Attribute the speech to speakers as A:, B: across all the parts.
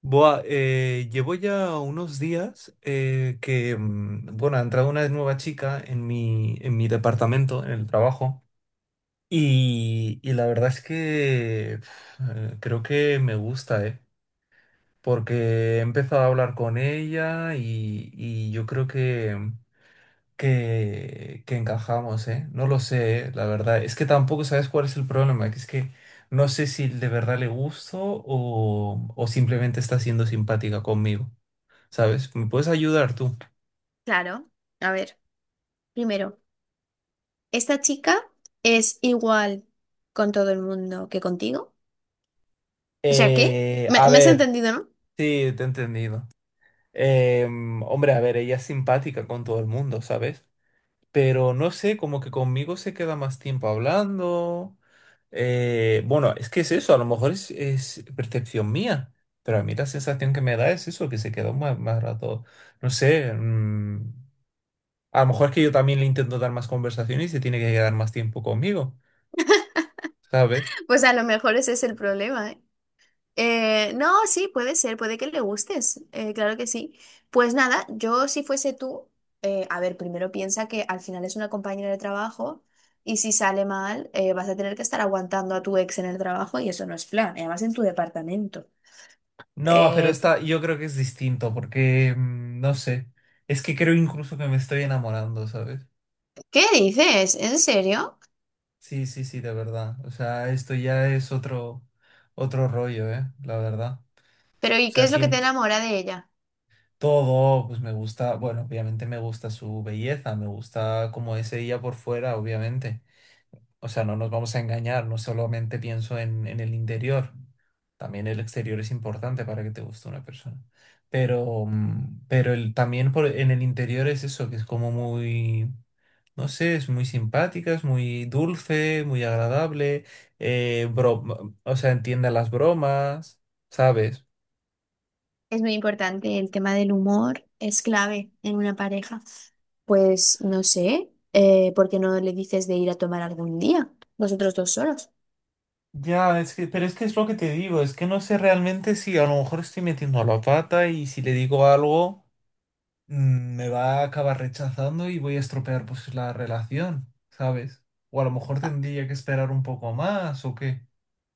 A: Boa, llevo ya unos días ha entrado una nueva chica en en mi departamento, en el trabajo, y la verdad es que pf, creo que me gusta, ¿eh? Porque he empezado a hablar con ella y yo creo que encajamos, ¿eh? No lo sé, ¿eh? La verdad, es que tampoco sabes cuál es el problema, que es que no sé si de verdad le gusto o simplemente está siendo simpática conmigo. ¿Sabes? ¿Me puedes ayudar tú?
B: Claro, a ver, primero, ¿esta chica es igual con todo el mundo que contigo? O sea, ¿qué?
A: Eh,
B: ¿Me,
A: a
B: me has
A: ver,
B: entendido, no?
A: Sí, te he entendido. Hombre, a ver, ella es simpática con todo el mundo, ¿sabes? Pero no sé, como que conmigo se queda más tiempo hablando. Bueno, es que es eso, a lo mejor es percepción mía, pero a mí la sensación que me da es eso, que se quedó más rato, no sé, a lo mejor es que yo también le intento dar más conversación y se tiene que quedar más tiempo conmigo, ¿sabes?
B: Pues a lo mejor ese es el problema, ¿eh? No, sí, puede ser, puede que le gustes, claro que sí. Pues nada, yo si fuese tú, a ver, primero piensa que al final es una compañera de trabajo y si sale mal, vas a tener que estar aguantando a tu ex en el trabajo y eso no es plan, y además en tu departamento.
A: No, pero
B: Eh,
A: esta yo creo que es distinto porque, no sé, es que creo incluso que me estoy enamorando, ¿sabes?
B: ¿Qué dices? ¿En serio?
A: Sí, sí, sí, de verdad. O sea, esto ya es otro rollo, ¿eh? La verdad.
B: Pero
A: O
B: ¿y qué
A: sea,
B: es lo que te
A: siento
B: enamora de ella?
A: todo, pues me gusta, bueno, obviamente me gusta su belleza, me gusta como es ella por fuera, obviamente. O sea, no nos vamos a engañar, no solamente pienso en el interior, también el exterior es importante para que te guste una persona. Pero, pero también en el interior es eso, que es como muy, no sé, es muy simpática, es muy dulce, muy agradable, o sea, entiende las bromas, ¿sabes?
B: Es muy importante, el tema del humor es clave en una pareja. Pues no sé, ¿por qué no le dices de ir a tomar algún día? Vosotros dos solos.
A: Ya, es que, pero es que es lo que te digo, es que no sé realmente si a lo mejor estoy metiendo la pata y si le digo algo. Me va a acabar rechazando y voy a estropear pues la relación, ¿sabes? O a lo mejor
B: Ah.
A: tendría que esperar un poco más o qué.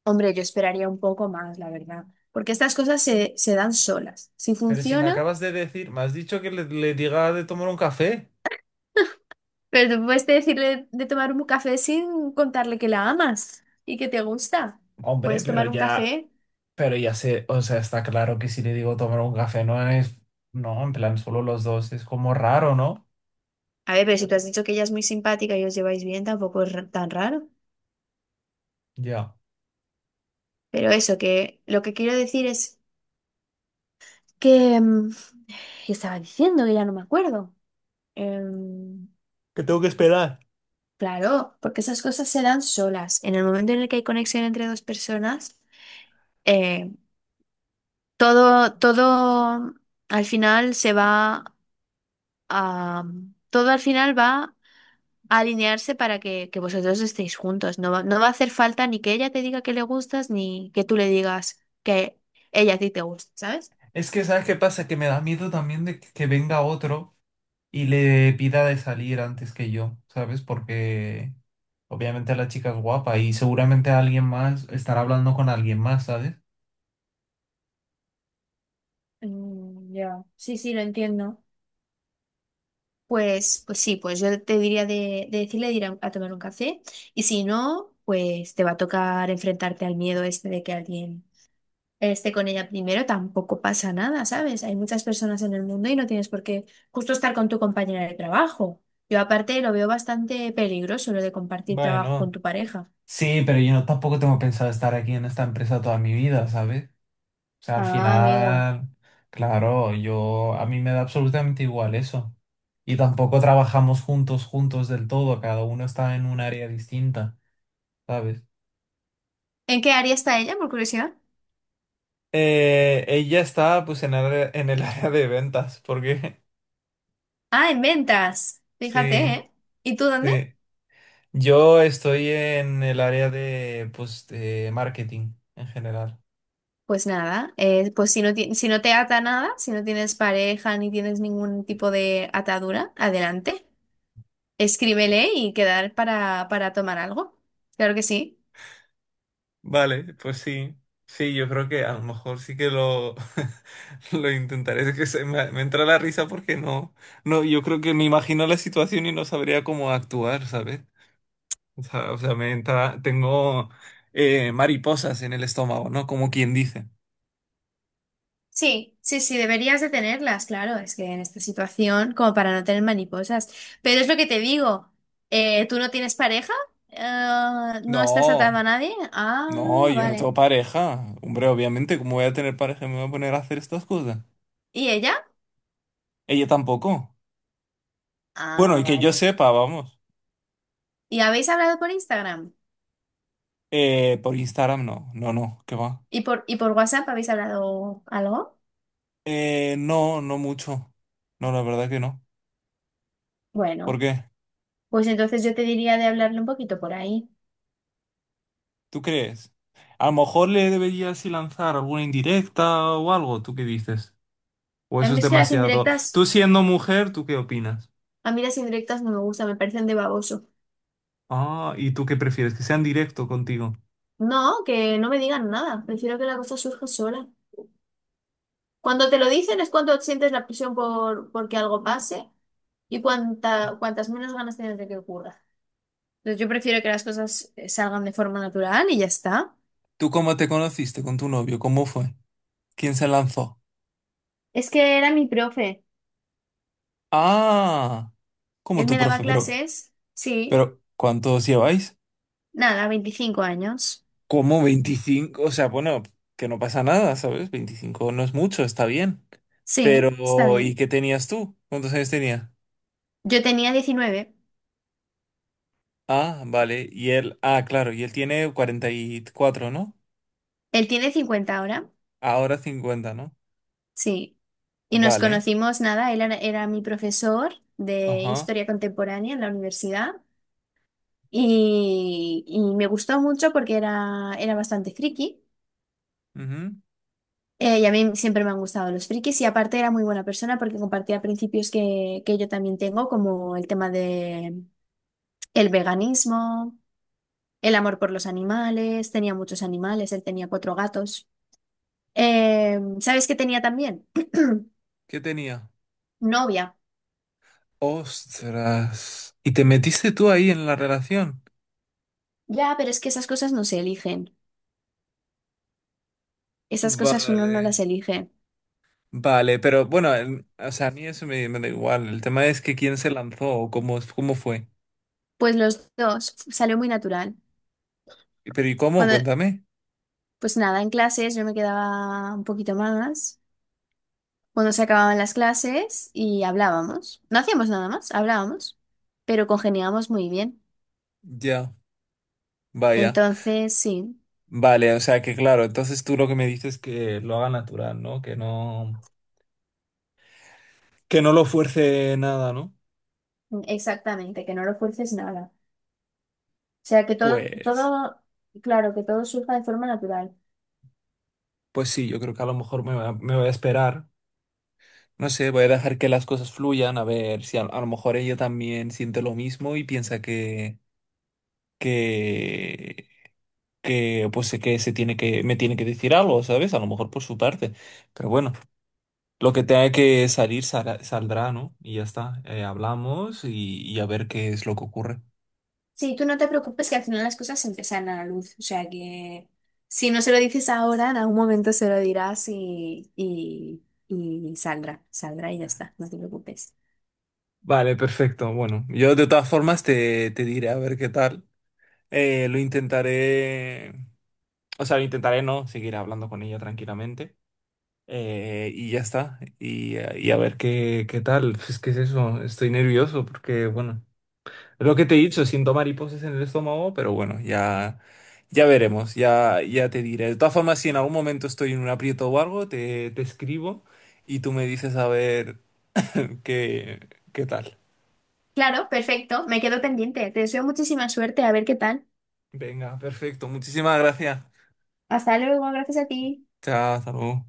B: Hombre, yo esperaría un poco más, la verdad, porque estas cosas se dan solas. Si
A: Pero si me
B: funciona,
A: acabas de decir, me has dicho que le diga de tomar un café.
B: pero tú puedes decirle de tomar un café sin contarle que la amas y que te gusta.
A: Hombre,
B: Puedes tomar un café.
A: pero ya sé, o sea, está claro que si le digo tomar un café no es, no, en plan solo los dos, es como raro, ¿no?
B: A ver, pero si tú has dicho que ella es muy simpática y os lleváis bien, tampoco es tan raro.
A: Ya.
B: Pero eso, que lo que quiero decir es que. ¿Qué estaba diciendo? Que ya no me acuerdo. Em,
A: Que tengo que esperar.
B: claro, porque esas cosas se dan solas. En el momento en el que hay conexión entre dos personas, eh, todo, todo al final se va a... Todo al final va a alinearse para que vosotros estéis juntos. No va a hacer falta ni que ella te diga que le gustas, ni que tú le digas que ella a ti te gusta, ¿sabes?
A: Es que, ¿sabes qué pasa? Que me da miedo también de que venga otro y le pida de salir antes que yo, ¿sabes? Porque obviamente la chica es guapa y seguramente alguien más estará hablando con alguien más, ¿sabes?
B: Mm, ya. Sí, sí, lo entiendo. Pues sí, pues yo te diría de decirle de ir a tomar un café y si no, pues te va a tocar enfrentarte al miedo este de que alguien esté con ella primero, tampoco pasa nada, ¿sabes? Hay muchas personas en el mundo y no tienes por qué justo estar con tu compañera de trabajo. Yo aparte lo veo bastante peligroso lo de compartir trabajo con
A: Bueno,
B: tu pareja.
A: sí, pero yo no, tampoco tengo pensado estar aquí en esta empresa toda mi vida, ¿sabes? O sea, al
B: Ah, amigo.
A: final, claro, yo a mí me da absolutamente igual eso. Y tampoco trabajamos juntos, juntos del todo, cada uno está en un área distinta, ¿sabes?
B: ¿En qué área está ella, por curiosidad?
A: Ella está pues en el área de ventas, porque
B: Ah, en ventas. Fíjate,
A: sí.
B: ¿eh? ¿Y tú dónde?
A: Sí. Yo estoy en el área de, pues, de marketing en general.
B: Pues nada, pues si no, si no te ata nada, si no tienes pareja ni tienes ningún tipo de atadura, adelante, escríbele y quedar para tomar algo. Claro que sí.
A: Vale, pues sí. Sí, yo creo que a lo mejor sí que lo, lo intentaré. Es que me entra la risa porque no, no, yo creo que me imagino la situación y no sabría cómo actuar, ¿sabes? O sea, me entra, tengo mariposas en el estómago, ¿no? Como quien dice.
B: Sí, sí, sí, deberías de tenerlas, claro, es que en esta situación, como para no tener mariposas. Pero es lo que te digo, ¿tú no tienes pareja? ¿No estás atado a
A: No,
B: nadie? Ah,
A: no, yo no
B: vale.
A: tengo pareja. Hombre, obviamente, ¿cómo voy a tener pareja? ¿Me voy a poner a hacer estas cosas?
B: ¿Y ella?
A: Ella tampoco. Bueno,
B: Ah,
A: y que yo
B: vale.
A: sepa, vamos.
B: ¿Y habéis hablado por Instagram?
A: Por Instagram no, no, no, ¿qué va?
B: ¿Y por WhatsApp habéis hablado algo?
A: No, no mucho. No, la verdad que no. ¿Por
B: Bueno,
A: qué?
B: pues entonces yo te diría de hablarle un poquito por ahí.
A: ¿Tú crees? A lo mejor le deberías sí lanzar alguna indirecta o algo, ¿tú qué dices? O
B: A
A: eso
B: mí
A: es
B: es que las
A: demasiado.
B: indirectas,
A: Tú siendo mujer, ¿tú qué opinas?
B: a mí las indirectas no me gustan, me parecen de baboso.
A: Ah, ¿y tú qué prefieres? Que sean directo contigo.
B: No, que no me digan nada, prefiero que la cosa surja sola. Cuando te lo dicen es cuando sientes la presión por que algo pase y cuantas menos ganas tienes de que ocurra. Entonces yo prefiero que las cosas salgan de forma natural y ya está.
A: ¿Tú cómo te conociste con tu novio? ¿Cómo fue? ¿Quién se lanzó?
B: Es que era mi profe,
A: Ah, como
B: él
A: tu
B: me daba
A: profe,
B: clases, sí,
A: pero ¿cuántos lleváis?
B: nada, 25 años,
A: Como 25, o sea, bueno, que no pasa nada, ¿sabes? 25 no es mucho, está bien.
B: sí, está
A: Pero, ¿y
B: bien.
A: qué tenías tú? ¿Cuántos años tenía?
B: Yo tenía 19.
A: Ah, vale. Y él, ah, claro, y él tiene 44, ¿no?
B: Él tiene 50 ahora,
A: Ahora 50, ¿no?
B: sí. Y nos
A: Vale.
B: conocimos, nada, él era mi profesor de
A: Ajá.
B: historia contemporánea en la universidad y me gustó mucho porque era bastante friki.
A: Ujú.
B: Y a mí siempre me han gustado los frikis y aparte era muy buena persona porque compartía principios que yo también tengo, como el tema de el veganismo, el amor por los animales, tenía muchos animales, él tenía cuatro gatos. ¿Sabes qué tenía también?
A: ¿Qué tenía?
B: Novia.
A: Ostras. ¿Y te metiste tú ahí en la relación?
B: Ya, pero es que esas cosas no se eligen. Esas cosas uno
A: Vale.
B: no las elige.
A: Vale, pero bueno, o sea, a mí eso me da igual. El tema es que quién se lanzó o cómo, cómo fue.
B: Pues los dos, salió muy natural.
A: Pero ¿y cómo?
B: Cuando,
A: Cuéntame.
B: pues nada, en clases yo me quedaba un poquito más. Cuando se acababan las clases y hablábamos. No hacíamos nada más, hablábamos, pero congeniábamos muy bien.
A: Ya. Vaya,
B: Entonces, sí,
A: vale, o sea que claro, entonces tú lo que me dices es que lo haga natural, ¿no? Que no, que no lo fuerce nada, ¿no?
B: exactamente, que no lo fuerces nada. O sea, que todo,
A: Pues,
B: todo, claro, que todo surja de forma natural.
A: pues sí, yo creo que a lo mejor me voy a esperar. No sé, voy a dejar que las cosas fluyan, a ver si a lo mejor ella también siente lo mismo y piensa que, que, pues que se tiene me tiene que decir algo, ¿sabes? A lo mejor por su parte. Pero bueno, lo que tenga que saldrá, ¿no? Y ya está. Hablamos y a ver qué es lo que ocurre.
B: Sí, tú no te preocupes que al final las cosas siempre salen a la luz. O sea que si no se lo dices ahora, en algún momento se lo dirás y saldrá y ya está, no te preocupes.
A: Vale, perfecto. Bueno, yo de todas formas te diré a ver qué tal. Lo intentaré, o sea, lo intentaré no, seguir hablando con ella tranquilamente. Y ya está. Y a ver qué, qué tal. Pues es que es eso, estoy nervioso porque, bueno, es lo que te he dicho, siento mariposas en el estómago, pero bueno, ya, ya veremos, ya, ya te diré. De todas formas, si en algún momento estoy en un aprieto o algo, te escribo y tú me dices a ver qué, qué tal.
B: Claro, perfecto, me quedo pendiente. Te deseo muchísima suerte, a ver qué tal.
A: Venga, perfecto. Muchísimas gracias.
B: Hasta luego, gracias a ti.
A: Chao, hasta luego.